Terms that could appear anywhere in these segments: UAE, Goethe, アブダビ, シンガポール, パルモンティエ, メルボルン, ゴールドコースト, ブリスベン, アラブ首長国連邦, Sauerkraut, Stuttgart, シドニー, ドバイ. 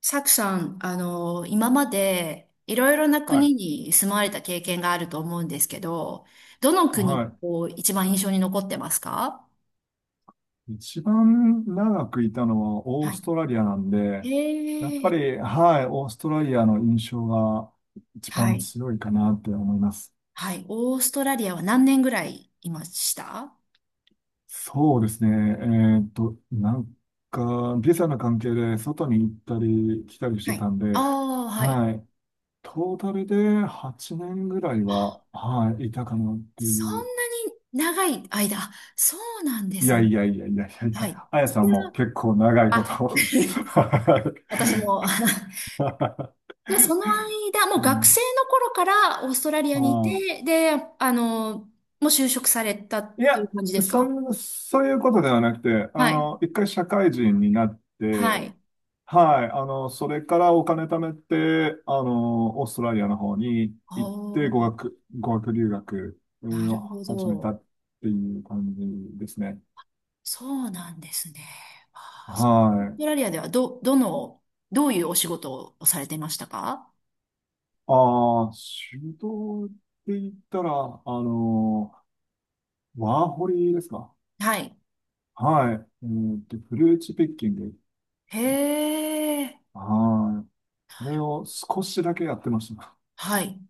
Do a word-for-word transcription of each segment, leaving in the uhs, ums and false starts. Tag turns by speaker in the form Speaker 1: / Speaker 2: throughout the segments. Speaker 1: サクさん、あの、今までいろいろな
Speaker 2: はい。
Speaker 1: 国に住まわれた経験があると思うんですけど、どの
Speaker 2: は
Speaker 1: 国がこう一番印象に残ってますか？
Speaker 2: い。一番長くいたのはオ
Speaker 1: は
Speaker 2: ー
Speaker 1: い。
Speaker 2: ストラリアなんで、やっぱ
Speaker 1: ええ
Speaker 2: り、はい、オーストラリアの印象が一
Speaker 1: は
Speaker 2: 番
Speaker 1: い。
Speaker 2: 強いかなって思います。
Speaker 1: はい。オーストラリアは何年ぐらいいました？
Speaker 2: そうですね。えっと、なんか、ビザの関係で外に行ったり来たりし
Speaker 1: は
Speaker 2: て
Speaker 1: い。
Speaker 2: たん
Speaker 1: あ
Speaker 2: で、
Speaker 1: あ、はい。
Speaker 2: はい。トータルではちねんぐらいは、はい、いたかなって
Speaker 1: そん
Speaker 2: いう。
Speaker 1: なに長い間。そうなんで
Speaker 2: い
Speaker 1: す
Speaker 2: や
Speaker 1: ね。
Speaker 2: いやいやいやいやい
Speaker 1: はい。
Speaker 2: や、あや
Speaker 1: そ
Speaker 2: さん
Speaker 1: れ
Speaker 2: も
Speaker 1: は
Speaker 2: 結構長いこ
Speaker 1: あ、
Speaker 2: とを。は
Speaker 1: 私も
Speaker 2: い。
Speaker 1: じゃあ、その間、もう
Speaker 2: う
Speaker 1: 学
Speaker 2: ん。
Speaker 1: 生の頃からオーストラリア
Speaker 2: あ
Speaker 1: にい
Speaker 2: あ。
Speaker 1: て、で、あの、もう就職された
Speaker 2: い
Speaker 1: とい
Speaker 2: や、
Speaker 1: う感じです
Speaker 2: そ
Speaker 1: か？
Speaker 2: ん、そういうことではなくて、あ
Speaker 1: はい。
Speaker 2: の、一回社会人になっ
Speaker 1: は
Speaker 2: て、
Speaker 1: い。
Speaker 2: はい、あの、それからお金貯めて、あの、オーストラリアの方に行って、
Speaker 1: おー、
Speaker 2: 語学、語学留学
Speaker 1: な
Speaker 2: を
Speaker 1: るほ
Speaker 2: 始め
Speaker 1: ど。
Speaker 2: たっていう感じですね。
Speaker 1: そうなんですね。あーオー
Speaker 2: は
Speaker 1: スト
Speaker 2: い。
Speaker 1: ラリアではど、どの、どういうお仕事をされてましたか？
Speaker 2: ああ、仕事って言ったら、あの、ワーホリですか？
Speaker 1: はい。
Speaker 2: はい。えっと、フルーツピッキング。
Speaker 1: へえ。
Speaker 2: はい。あれを少しだけやってました。
Speaker 1: はい。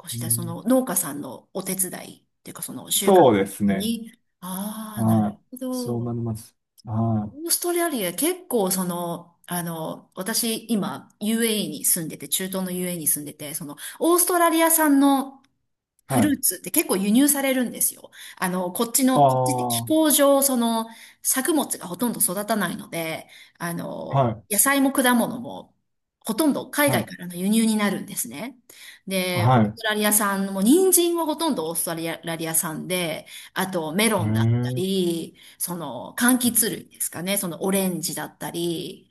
Speaker 1: 少
Speaker 2: う
Speaker 1: しだ、そ
Speaker 2: ん、
Speaker 1: の農家さんのお手伝いっていうか、その収穫
Speaker 2: そうですね。
Speaker 1: に。ああ、なる
Speaker 2: はい。
Speaker 1: ほ
Speaker 2: そう
Speaker 1: ど。
Speaker 2: なります。は
Speaker 1: オーストラリア結構その、あの、私今 ユーエーイー に住んでて、中東の ユーエーイー に住んでて、その、オーストラリア産の
Speaker 2: い。
Speaker 1: フ
Speaker 2: は
Speaker 1: ル
Speaker 2: い。
Speaker 1: ーツって結構輸入されるんですよ。あの、こっち
Speaker 2: あ
Speaker 1: の、こっちって
Speaker 2: あ、
Speaker 1: 気
Speaker 2: は
Speaker 1: 候上、その、作物がほとんど育たないので、あの、
Speaker 2: い。
Speaker 1: 野菜も果物も、ほとんど海
Speaker 2: は
Speaker 1: 外
Speaker 2: い。
Speaker 1: からの輸入になるんですね。で、オース
Speaker 2: は
Speaker 1: トラリア産も、人参はほとんどオーストラリア産で、あとメ
Speaker 2: い。
Speaker 1: ロ
Speaker 2: え
Speaker 1: ンだった
Speaker 2: え、
Speaker 1: り、その、柑橘類ですかね、そのオレンジだったり、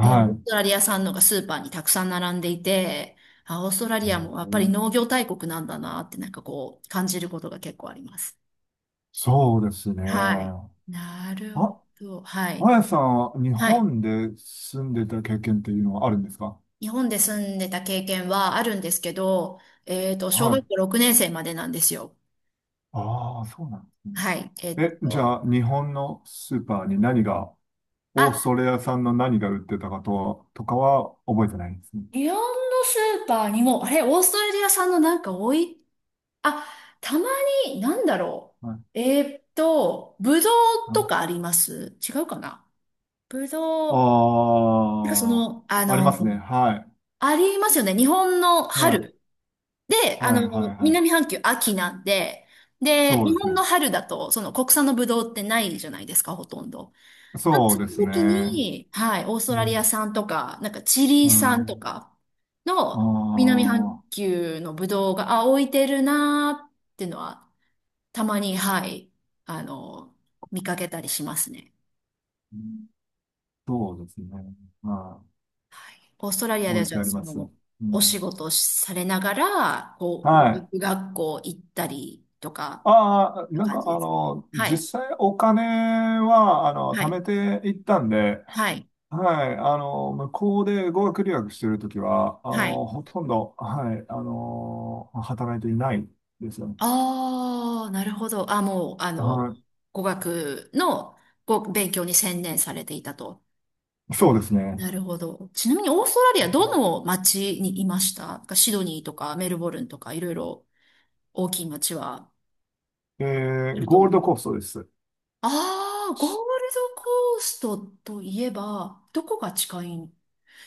Speaker 1: もうオーストラリア産のがスーパーにたくさん並んでいて、あ、オーストラリアもやっぱり
Speaker 2: い。ええ、
Speaker 1: 農業大国なんだなってなんかこう感じることが結構あります。
Speaker 2: そうです
Speaker 1: はい。
Speaker 2: ね。
Speaker 1: なるほ
Speaker 2: あ、
Speaker 1: ど。はい。
Speaker 2: あやさんは日
Speaker 1: はい。
Speaker 2: 本で住んでた経験っていうのはあるんですか？
Speaker 1: 日本で住んでた経験はあるんですけど、えっと、小
Speaker 2: は
Speaker 1: 学
Speaker 2: い。
Speaker 1: 校ろくねん生までなんですよ。
Speaker 2: ああ、そうなんですね。
Speaker 1: はい。えっ
Speaker 2: え、じゃ
Speaker 1: と、
Speaker 2: あ、日本のスーパーに何が、オー
Speaker 1: あ、
Speaker 2: ストラリア産の何が売ってたかと、とかは覚えてないんですね。
Speaker 1: 日本のスーパーにも、あれ、オーストラリア産のなんか多い、あ、たまに、なんだろう。えっと、ぶどうとか
Speaker 2: あ
Speaker 1: あります違うかな？ぶどう、なんかそ
Speaker 2: あ
Speaker 1: の、あ
Speaker 2: ー、ありま
Speaker 1: の、
Speaker 2: すね。はい。
Speaker 1: ありますよね。日本の
Speaker 2: はい。
Speaker 1: 春。で、
Speaker 2: は
Speaker 1: あの、
Speaker 2: い、はい、は
Speaker 1: 南
Speaker 2: い。
Speaker 1: 半球秋なんで、で、
Speaker 2: そう
Speaker 1: 日
Speaker 2: です
Speaker 1: 本
Speaker 2: ね。
Speaker 1: の春だと、その国産のブドウってないじゃないですか、ほとんど。なんか
Speaker 2: そう
Speaker 1: そ
Speaker 2: で
Speaker 1: の
Speaker 2: す
Speaker 1: 時
Speaker 2: ね。
Speaker 1: に、はい、オース
Speaker 2: う
Speaker 1: トラリア
Speaker 2: ん。
Speaker 1: 産とか、なんかチリ
Speaker 2: う
Speaker 1: 産と
Speaker 2: ん。
Speaker 1: か
Speaker 2: あ
Speaker 1: の南半
Speaker 2: あ、
Speaker 1: 球のブドウが、あ、置いてるなーっていうのは、たまに、はい、あの、見かけたりしますね。
Speaker 2: そうですね。はい。
Speaker 1: オーストラリアで
Speaker 2: 置
Speaker 1: は
Speaker 2: い
Speaker 1: じ
Speaker 2: て
Speaker 1: ゃあ
Speaker 2: あり
Speaker 1: そ
Speaker 2: ます。う
Speaker 1: のお仕
Speaker 2: ん。
Speaker 1: 事をされながら、こう、語
Speaker 2: はい。
Speaker 1: 学学校行ったりとか、
Speaker 2: ああ、なん
Speaker 1: 感
Speaker 2: か、
Speaker 1: じ
Speaker 2: あ
Speaker 1: ですかね？
Speaker 2: の、
Speaker 1: はい、
Speaker 2: 実際お金は、あの、
Speaker 1: は
Speaker 2: 貯
Speaker 1: い、
Speaker 2: めていったんで、
Speaker 1: はい、
Speaker 2: はい、あの、向こうで語学留学してるときは、あ
Speaker 1: はい。
Speaker 2: の、ほとんど、はい、あの、働いていないですよね。
Speaker 1: ああ、なるほど。あ、もう、あ
Speaker 2: は
Speaker 1: の、
Speaker 2: い。
Speaker 1: 語学のご勉強に専念されていたと。
Speaker 2: そうですね。
Speaker 1: なるほど。ちなみにオーストラリアどの町にいましたか？シドニーとかメルボルンとかいろいろ大きい町は
Speaker 2: え
Speaker 1: あ
Speaker 2: ー、
Speaker 1: ると
Speaker 2: ゴー
Speaker 1: 思
Speaker 2: ル
Speaker 1: う。
Speaker 2: ドコーストです。
Speaker 1: ああ、ゴールドコーストといえば、どこが近い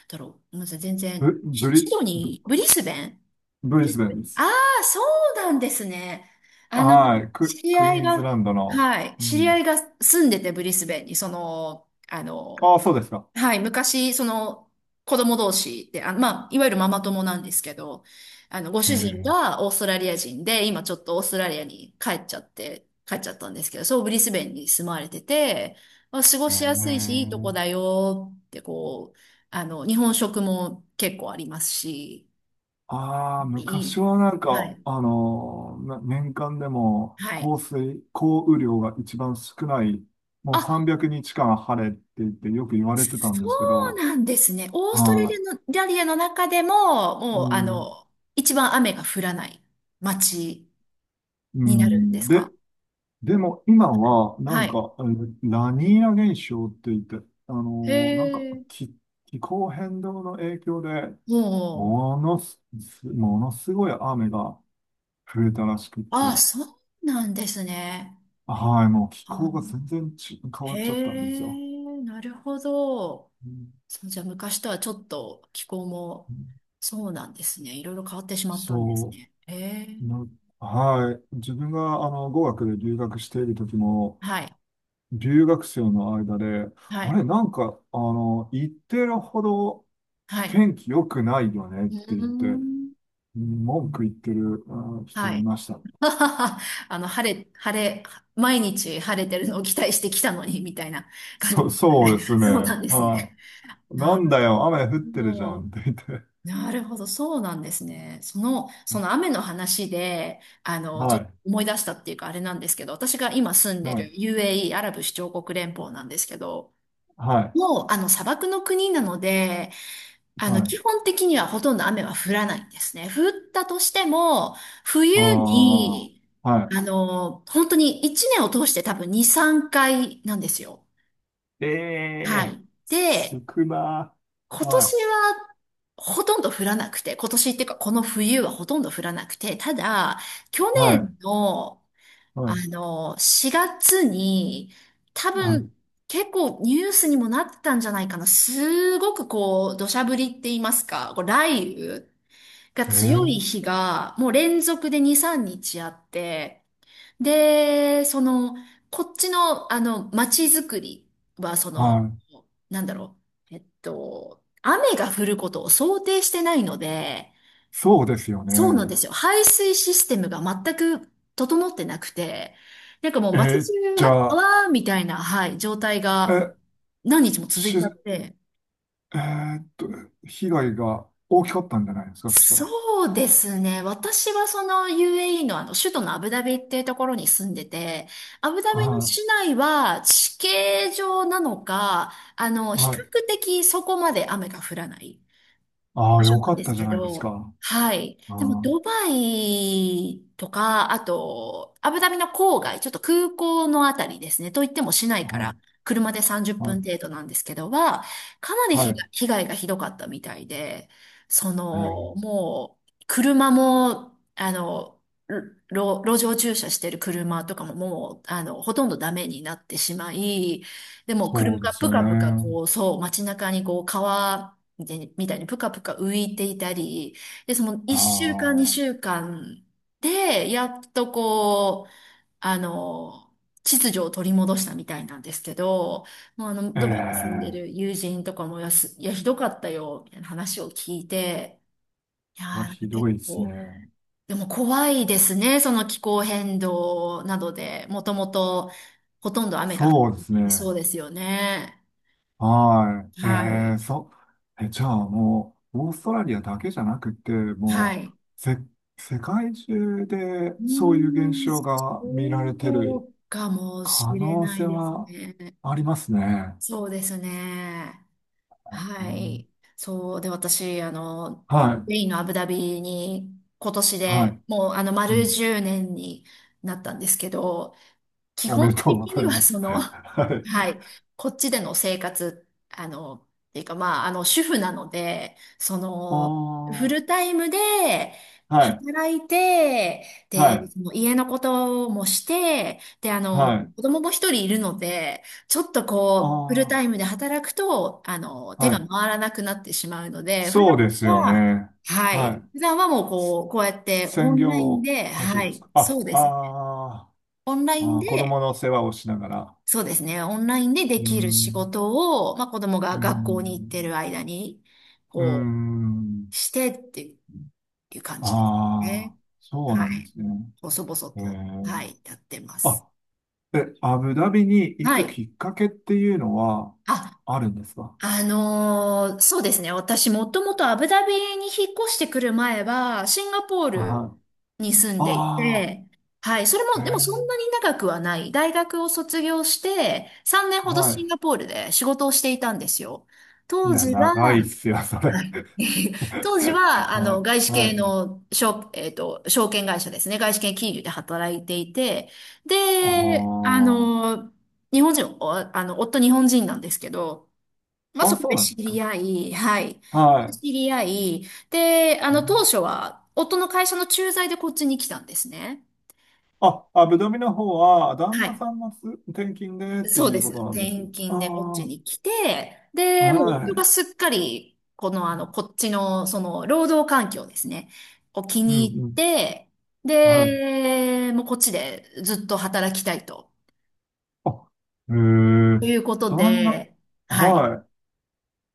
Speaker 1: だろう。ごめんなさい、全然。
Speaker 2: ブ、
Speaker 1: シ
Speaker 2: ブリ、
Speaker 1: シド
Speaker 2: ブ、
Speaker 1: ニー、ブリスベン
Speaker 2: ブ
Speaker 1: ブ
Speaker 2: リ
Speaker 1: リ
Speaker 2: スベ
Speaker 1: スベ
Speaker 2: ンで
Speaker 1: ンあ
Speaker 2: す。
Speaker 1: あー、そうなんですね。あの、
Speaker 2: はい。
Speaker 1: 知
Speaker 2: ク、
Speaker 1: り
Speaker 2: クイ
Speaker 1: 合い
Speaker 2: ーンズ
Speaker 1: が、
Speaker 2: ランドの。
Speaker 1: はい、
Speaker 2: う
Speaker 1: 知り合
Speaker 2: ん。
Speaker 1: いが住んでて、ブリスベンに、その、あ
Speaker 2: ああ、
Speaker 1: の、
Speaker 2: そうですか。
Speaker 1: はい、昔、その、子供同士で、あ、まあ、いわゆるママ友なんですけど、あの、ご
Speaker 2: へ
Speaker 1: 主人
Speaker 2: え。
Speaker 1: がオーストラリア人で、今ちょっとオーストラリアに帰っちゃって、帰っちゃったんですけど、そう、ブリスベンに住まわれてて、まあ、過ご
Speaker 2: へ
Speaker 1: しやすいし、いいとこ
Speaker 2: え。
Speaker 1: だよって、こう、あの、日本食も結構ありますし、
Speaker 2: ああ、
Speaker 1: い
Speaker 2: 昔
Speaker 1: い。
Speaker 2: はなん
Speaker 1: は
Speaker 2: か、
Speaker 1: い。
Speaker 2: あのーな年間でも
Speaker 1: はい。
Speaker 2: 降水、降雨量が一番少ない、
Speaker 1: あ、
Speaker 2: もうさんびゃくにちかん晴れって言ってよく言われてたん
Speaker 1: そ
Speaker 2: ですけ
Speaker 1: う
Speaker 2: ど、
Speaker 1: なんですね。オーストラ
Speaker 2: は
Speaker 1: リアの、リアの中でも、
Speaker 2: い。
Speaker 1: も
Speaker 2: う
Speaker 1: う、あ
Speaker 2: ん。
Speaker 1: の、一番雨が降らない街
Speaker 2: う
Speaker 1: になるんで
Speaker 2: ん。
Speaker 1: す
Speaker 2: で、
Speaker 1: か？
Speaker 2: でも今は、な
Speaker 1: は
Speaker 2: ん
Speaker 1: い。
Speaker 2: か、えーラニーニャ現象って言って、あ
Speaker 1: へ
Speaker 2: のーなんか
Speaker 1: え。
Speaker 2: 気、気候変動の影響で、
Speaker 1: もう、
Speaker 2: ものす、すものすごい雨が増えたらしくっ
Speaker 1: あ、
Speaker 2: て、
Speaker 1: そうなんですね。
Speaker 2: はい、もう気
Speaker 1: あ、
Speaker 2: 候が全然ち変わ
Speaker 1: へ
Speaker 2: っちゃったんですよ。
Speaker 1: え、なるほど。
Speaker 2: うん。
Speaker 1: そう、じゃあ昔とはちょっと気候も、そうなんですね。いろいろ変わってしまったんです
Speaker 2: そ
Speaker 1: ね。へえ。
Speaker 2: う、な、はい。自分があの語学で留学している時も、
Speaker 1: はい。
Speaker 2: 留学生の間で、
Speaker 1: は
Speaker 2: あ
Speaker 1: い。
Speaker 2: れ、なんか、あの、言ってるほど
Speaker 1: はい。
Speaker 2: 天気良くないよ ねっ
Speaker 1: う
Speaker 2: て
Speaker 1: ー
Speaker 2: 言って、
Speaker 1: ん。
Speaker 2: 文句言ってるあ人
Speaker 1: は
Speaker 2: い
Speaker 1: い。
Speaker 2: ました。
Speaker 1: あの、晴れ、晴れ、毎日晴れてるのを期待してきたのに、みたいな感じ
Speaker 2: そ、
Speaker 1: でした
Speaker 2: そ
Speaker 1: ね。
Speaker 2: うです ね。
Speaker 1: そうなんですね。
Speaker 2: は い。な
Speaker 1: な
Speaker 2: ん
Speaker 1: る
Speaker 2: だよ、雨降ってるじゃ
Speaker 1: ほど。
Speaker 2: んって言って。
Speaker 1: なるほど。そうなんですね。その、その雨の話で、あの、ち
Speaker 2: は
Speaker 1: ょっと
Speaker 2: い。
Speaker 1: 思い出したっていうか、あれなんですけど、私が今住んで
Speaker 2: は
Speaker 1: る
Speaker 2: い。
Speaker 1: ユーエーイー、アラブ首長国連邦なんですけど、
Speaker 2: はい。
Speaker 1: もう、あの、砂漠の国なので、あの、
Speaker 2: はい。
Speaker 1: 基本的にはほとんど雨は降らないんですね。降ったとしても、冬
Speaker 2: あ
Speaker 1: に、
Speaker 2: あ。は
Speaker 1: あの、本当にいちねんを通して多分に、さんかいなんですよ。
Speaker 2: い。え
Speaker 1: は
Speaker 2: え
Speaker 1: い。
Speaker 2: ー、
Speaker 1: で、
Speaker 2: 少な。
Speaker 1: 今
Speaker 2: は
Speaker 1: 年
Speaker 2: い。
Speaker 1: はほとんど降らなくて、今年っていうかこの冬はほとんど降らなくて、ただ、去
Speaker 2: はい。
Speaker 1: 年の、
Speaker 2: は
Speaker 1: あ
Speaker 2: い。
Speaker 1: の、しがつに、多
Speaker 2: は
Speaker 1: 分、
Speaker 2: い。
Speaker 1: 結構ニュースにもなってたんじゃないかな。すごくこう、土砂降りって言いますか、こう雷雨。が
Speaker 2: え
Speaker 1: 強い日
Speaker 2: ー、
Speaker 1: がもう連続でに、さんにちあって、で、その、こっちの、あの、街づくりは、そ
Speaker 2: は
Speaker 1: の、
Speaker 2: い。
Speaker 1: なんだろう、えっと、雨が降ることを想定してないので、
Speaker 2: そうですよ
Speaker 1: そうなん
Speaker 2: ね。
Speaker 1: ですよ。排水システムが全く整ってなくて、なんかもう
Speaker 2: え
Speaker 1: 街
Speaker 2: ー、
Speaker 1: 中
Speaker 2: じ
Speaker 1: が
Speaker 2: ゃあ、
Speaker 1: 川みたいな、はい、状態が
Speaker 2: え、
Speaker 1: 何日も続い
Speaker 2: し、え
Speaker 1: ちゃって、
Speaker 2: ーっと、被害が大きかったんじゃないですか、そしたら。
Speaker 1: そうですね。私はその ユーエーイー のあの首都のアブダビっていうところに住んでて、アブダ
Speaker 2: は
Speaker 1: ビの
Speaker 2: い。
Speaker 1: 市内は地形上なのか、あの、比
Speaker 2: はい。
Speaker 1: 較的そこまで雨が降らない
Speaker 2: あ
Speaker 1: 場
Speaker 2: あ、
Speaker 1: 所
Speaker 2: よ
Speaker 1: な
Speaker 2: か
Speaker 1: ん
Speaker 2: っ
Speaker 1: です
Speaker 2: たじゃ
Speaker 1: け
Speaker 2: ないです
Speaker 1: ど、
Speaker 2: か。
Speaker 1: はい。でも、
Speaker 2: あ
Speaker 1: ドバイとか、あと、アブダビの郊外、ちょっと空港のあたりですね。といっても市内
Speaker 2: あ、
Speaker 1: か
Speaker 2: はい、
Speaker 1: ら車で30
Speaker 2: は
Speaker 1: 分
Speaker 2: い、
Speaker 1: 程度なんですけどは、かなり
Speaker 2: は
Speaker 1: 被害、
Speaker 2: い。
Speaker 1: 被害がひどかったみたいで、そ
Speaker 2: え
Speaker 1: の、
Speaker 2: ー
Speaker 1: もう、車も、あの、路、路上駐車してる車とかももう、あの、ほとんどダメになってしまい、でも車
Speaker 2: そうで
Speaker 1: が
Speaker 2: す
Speaker 1: ブ
Speaker 2: よ
Speaker 1: カ
Speaker 2: ね。
Speaker 1: ブカこう、そう、街中にこう、川、でみたいにぷかぷか浮いていたり、で、その
Speaker 2: あ
Speaker 1: いっしゅうかん、
Speaker 2: あ、
Speaker 1: にしゅうかんで、やっとこう、あの、秩序を取り戻したみたいなんですけど、もうあの、
Speaker 2: え
Speaker 1: ドバイに住んで
Speaker 2: え、
Speaker 1: る友人とかもやす、いや、ひどかったよ、みたいな話を聞いて、いやー、
Speaker 2: それは
Speaker 1: なんか
Speaker 2: ひど
Speaker 1: 結
Speaker 2: いですね。
Speaker 1: 構、でも怖いですね、その気候変動などで、もともとほとんど雨が降
Speaker 2: そうで
Speaker 1: っ
Speaker 2: す
Speaker 1: ていそ
Speaker 2: ね。
Speaker 1: うですよね。
Speaker 2: はい。
Speaker 1: は
Speaker 2: え
Speaker 1: い。
Speaker 2: え、そ、え、じゃあもう、オーストラリアだけじゃなくて、
Speaker 1: は
Speaker 2: も
Speaker 1: い。
Speaker 2: う、せ、世界中で
Speaker 1: う
Speaker 2: そういう現
Speaker 1: ーん、
Speaker 2: 象
Speaker 1: そ
Speaker 2: が見られてる
Speaker 1: うかもし
Speaker 2: 可
Speaker 1: れ
Speaker 2: 能
Speaker 1: ない
Speaker 2: 性
Speaker 1: です
Speaker 2: は
Speaker 1: ね。
Speaker 2: ありますね。
Speaker 1: そうですね。
Speaker 2: う
Speaker 1: は
Speaker 2: ん。
Speaker 1: い。そう。で、私、あの、
Speaker 2: は
Speaker 1: ス
Speaker 2: い、
Speaker 1: ペインのアブダビに今年
Speaker 2: はい。
Speaker 1: でもう、あの、
Speaker 2: う
Speaker 1: 丸
Speaker 2: ん。
Speaker 1: じゅうねんになったんですけど、基
Speaker 2: おめ
Speaker 1: 本
Speaker 2: でとうご
Speaker 1: 的
Speaker 2: ざ
Speaker 1: に
Speaker 2: い
Speaker 1: は
Speaker 2: ます。
Speaker 1: そ の、
Speaker 2: は い。
Speaker 1: はい、こっちでの生活、あの、っていうかまあ、あの、主婦なので、そ
Speaker 2: あ
Speaker 1: の、フ
Speaker 2: あ、
Speaker 1: ルタイムで
Speaker 2: はい、
Speaker 1: 働いて、
Speaker 2: は
Speaker 1: で、
Speaker 2: い、
Speaker 1: その家のこともして、で、あの、
Speaker 2: はい。
Speaker 1: 子供もひとりいるので、ちょっとこう、フルタ
Speaker 2: あ
Speaker 1: イムで働くと、あの、
Speaker 2: あ、
Speaker 1: 手
Speaker 2: は
Speaker 1: が
Speaker 2: い。
Speaker 1: 回らなくなってしまうので、普
Speaker 2: そ
Speaker 1: 段
Speaker 2: うですよ
Speaker 1: は、
Speaker 2: ね。
Speaker 1: は
Speaker 2: は
Speaker 1: い。
Speaker 2: い。
Speaker 1: 普段はもうこう、こうやってオ
Speaker 2: 専
Speaker 1: ンライン
Speaker 2: 業
Speaker 1: で、
Speaker 2: 歌手
Speaker 1: は
Speaker 2: です
Speaker 1: い。
Speaker 2: か。あ、
Speaker 1: そうですね。
Speaker 2: あ
Speaker 1: オンラ
Speaker 2: ー
Speaker 1: イン
Speaker 2: あ
Speaker 1: で
Speaker 2: ー、子供の世話をしながら。
Speaker 1: そうですね。オンラインでで
Speaker 2: うー
Speaker 1: きる仕
Speaker 2: ん、
Speaker 1: 事を、まあ、子供
Speaker 2: う
Speaker 1: が
Speaker 2: ー
Speaker 1: 学校に行って
Speaker 2: ん、
Speaker 1: る間に、
Speaker 2: うー
Speaker 1: こう、
Speaker 2: ん。
Speaker 1: してっていう感じです
Speaker 2: あ
Speaker 1: ね。
Speaker 2: あ、そうな
Speaker 1: は
Speaker 2: んで
Speaker 1: い。
Speaker 2: すね。
Speaker 1: 細々
Speaker 2: え
Speaker 1: と、は
Speaker 2: ー、
Speaker 1: い、やってます。
Speaker 2: あ、え、アブダビに行
Speaker 1: は
Speaker 2: く
Speaker 1: い。
Speaker 2: きっかけっていうのは
Speaker 1: あ、
Speaker 2: あるんですか？
Speaker 1: あのーそうですね。私、もともとアブダビに引っ越してくる前は、シンガポール
Speaker 2: あ、
Speaker 1: に住んでい
Speaker 2: あ
Speaker 1: て、はい。それ
Speaker 2: あ
Speaker 1: も、
Speaker 2: ー、
Speaker 1: でもそ
Speaker 2: え
Speaker 1: んなに長くはない。大学を卒業して、さんねん
Speaker 2: ー
Speaker 1: ほど
Speaker 2: は
Speaker 1: シン
Speaker 2: い。
Speaker 1: ガポールで仕事をしていたんですよ。
Speaker 2: い
Speaker 1: 当
Speaker 2: や、
Speaker 1: 時は、
Speaker 2: 長いっすよ、そ
Speaker 1: は
Speaker 2: れ。
Speaker 1: い 当時 は、あ
Speaker 2: は
Speaker 1: の、
Speaker 2: い。
Speaker 1: 外資
Speaker 2: は
Speaker 1: 系
Speaker 2: い。
Speaker 1: の、証えっと、証券会社ですね。外資系金融で働いていて、で、
Speaker 2: あ
Speaker 1: あのー日本人、おあの、夫日本人なんですけど、まあ、
Speaker 2: あ。あ、
Speaker 1: そこ
Speaker 2: そう
Speaker 1: で
Speaker 2: なん
Speaker 1: 知
Speaker 2: です
Speaker 1: り
Speaker 2: か。
Speaker 1: 合い、はい。
Speaker 2: はい。
Speaker 1: 知り合い、で、あ
Speaker 2: う
Speaker 1: の、当
Speaker 2: ん。
Speaker 1: 初は、夫の会社の駐在でこっちに来たんですね。
Speaker 2: あ、あ、ぶどみの方は、旦
Speaker 1: は
Speaker 2: 那
Speaker 1: い。
Speaker 2: さんのす転勤でって
Speaker 1: そう
Speaker 2: い
Speaker 1: で
Speaker 2: う
Speaker 1: す。
Speaker 2: ことなんです。
Speaker 1: 転勤でこっち
Speaker 2: あ
Speaker 1: に来て、
Speaker 2: あ、
Speaker 1: で、もう
Speaker 2: は
Speaker 1: 夫が
Speaker 2: い。
Speaker 1: すっかり、この、あの、こっちの、その、労働環境ですね、を気
Speaker 2: うん
Speaker 1: に入っ
Speaker 2: うん。
Speaker 1: て、
Speaker 2: はい。
Speaker 1: で、もうこっちでずっと働きたいと、
Speaker 2: あ、へえ。
Speaker 1: ということ
Speaker 2: 旦那、
Speaker 1: で、はい。
Speaker 2: はい。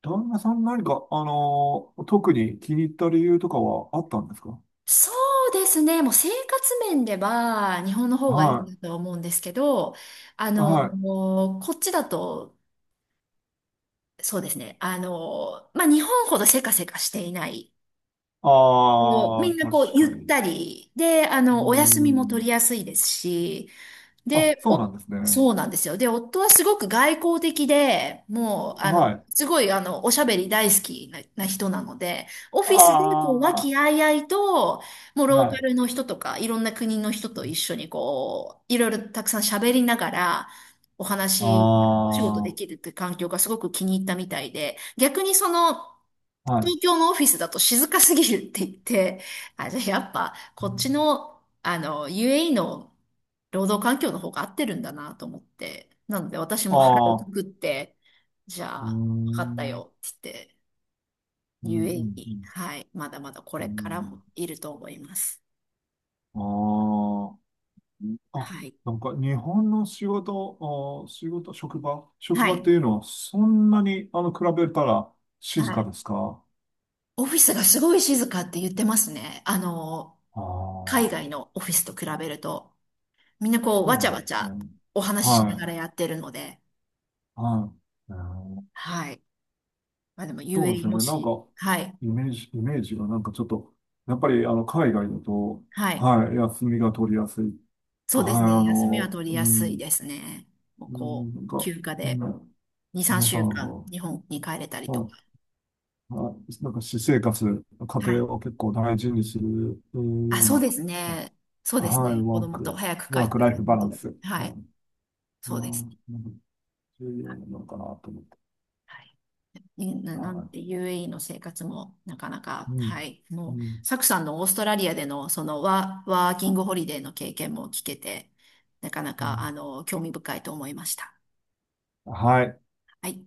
Speaker 2: 旦那さん何か、あのー特に気に入った理由とかはあったんですか？
Speaker 1: そうですね。もう生活面では日本の方がいい
Speaker 2: は
Speaker 1: なとは思うんですけど、あ
Speaker 2: い。
Speaker 1: の、
Speaker 2: はい。
Speaker 1: こっちだと、そうですね。あの、まあ、日本ほどせかせかしていない。もう
Speaker 2: あ
Speaker 1: みん
Speaker 2: あ、
Speaker 1: なこう
Speaker 2: 確
Speaker 1: ゆっ
Speaker 2: かに。
Speaker 1: たりで、あ
Speaker 2: うー
Speaker 1: の、お休みも取
Speaker 2: ん。
Speaker 1: りやすいですし、
Speaker 2: あ、
Speaker 1: で、
Speaker 2: そうな
Speaker 1: お、
Speaker 2: んですね。
Speaker 1: そうなんですよ。で、夫はすごく外交的で、もう、あの、
Speaker 2: はい。
Speaker 1: すごい、あの、おしゃべり大好きな、な人なので、オフィスで、こう、和気
Speaker 2: あ
Speaker 1: あいあいと、もう、
Speaker 2: あ、
Speaker 1: ロー
Speaker 2: は
Speaker 1: カ
Speaker 2: い。
Speaker 1: ルの人とか、いろんな国の人と一緒に、こう、いろいろたくさん喋りながら、お
Speaker 2: あ
Speaker 1: 話、仕事でき
Speaker 2: あ、
Speaker 1: るって環境がすごく気に入ったみたいで、逆にその、
Speaker 2: はい。
Speaker 1: 東京のオフィスだと静かすぎるって言って、あ、じゃあやっぱ
Speaker 2: う
Speaker 1: こっち
Speaker 2: ん。
Speaker 1: の、あの、ユーエーイー の労働環境の方が合ってるんだなと思って、なので私
Speaker 2: あ
Speaker 1: も腹をく
Speaker 2: あ、
Speaker 1: くって、じ
Speaker 2: う
Speaker 1: ゃ
Speaker 2: ー
Speaker 1: あ、分かった
Speaker 2: ん、
Speaker 1: よって
Speaker 2: うん、う
Speaker 1: 言って、
Speaker 2: ん、うん。
Speaker 1: ユーエーイー、はい、まだまだこ
Speaker 2: う
Speaker 1: れから
Speaker 2: ん。
Speaker 1: もいると思います。
Speaker 2: ああ、あ、
Speaker 1: はい。
Speaker 2: なんか日本の仕事、あー、仕事、職場、職
Speaker 1: は
Speaker 2: 場っ
Speaker 1: い。
Speaker 2: ていうのはそんなに、あの、比べたら静
Speaker 1: は
Speaker 2: か
Speaker 1: い。
Speaker 2: ですか？
Speaker 1: オフィスがすごい静かって言ってますね。あの、
Speaker 2: あ
Speaker 1: 海
Speaker 2: あー、
Speaker 1: 外のオフィスと比べると、みんなこう、
Speaker 2: そう
Speaker 1: わち
Speaker 2: な
Speaker 1: ゃ
Speaker 2: ん
Speaker 1: わ
Speaker 2: で
Speaker 1: ち
Speaker 2: すね。
Speaker 1: ゃお話ししな
Speaker 2: は
Speaker 1: が
Speaker 2: い、
Speaker 1: らやってるので、
Speaker 2: はい。うーん。
Speaker 1: はい。まあでも
Speaker 2: そうです
Speaker 1: ユーエーイー
Speaker 2: よ
Speaker 1: も
Speaker 2: ね。なん
Speaker 1: し、
Speaker 2: か、
Speaker 1: はい、
Speaker 2: イメージ、イメージがなんかちょっと、やっぱりあの、海外だと、
Speaker 1: はい。
Speaker 2: はい、休みが取りやすい。
Speaker 1: そうで
Speaker 2: は
Speaker 1: す
Speaker 2: い、
Speaker 1: ね。
Speaker 2: あ
Speaker 1: 休みは
Speaker 2: の、
Speaker 1: 取
Speaker 2: う
Speaker 1: りやすい
Speaker 2: ん、
Speaker 1: ですね。もう
Speaker 2: う
Speaker 1: こ
Speaker 2: ん、
Speaker 1: う、
Speaker 2: なんか、
Speaker 1: 休暇
Speaker 2: う
Speaker 1: で
Speaker 2: ん、
Speaker 1: に、
Speaker 2: 皆
Speaker 1: 3
Speaker 2: さん
Speaker 1: 週間
Speaker 2: の、
Speaker 1: 日本に帰れたりと
Speaker 2: は
Speaker 1: か。
Speaker 2: い、はい、なんか私生活、家
Speaker 1: はい。
Speaker 2: 庭を結構大事にする
Speaker 1: あ、
Speaker 2: よう
Speaker 1: そう
Speaker 2: な、
Speaker 1: ですね。そうです
Speaker 2: はい、
Speaker 1: ね。子
Speaker 2: ワー
Speaker 1: 供と、
Speaker 2: ク、
Speaker 1: 早く帰
Speaker 2: ワー
Speaker 1: っ
Speaker 2: ク
Speaker 1: た
Speaker 2: ラ
Speaker 1: 子
Speaker 2: イフバ
Speaker 1: 供
Speaker 2: ラン
Speaker 1: と。
Speaker 2: ス、
Speaker 1: は
Speaker 2: は
Speaker 1: い。
Speaker 2: い、う
Speaker 1: そうです。
Speaker 2: ん、なんか重要なのかなと思って。
Speaker 1: はい。な、なん
Speaker 2: は
Speaker 1: で ユーエーイー の生活もなかな
Speaker 2: い、
Speaker 1: か、
Speaker 2: う
Speaker 1: は
Speaker 2: ん、
Speaker 1: い。
Speaker 2: う
Speaker 1: もう、
Speaker 2: ん、
Speaker 1: サクさんのオーストラリアでのそのワ、ワーキングホリデーの経験も聞けて、なかな
Speaker 2: う
Speaker 1: か、あ
Speaker 2: ん。
Speaker 1: の、興味深いと思いました。
Speaker 2: はい。
Speaker 1: はい。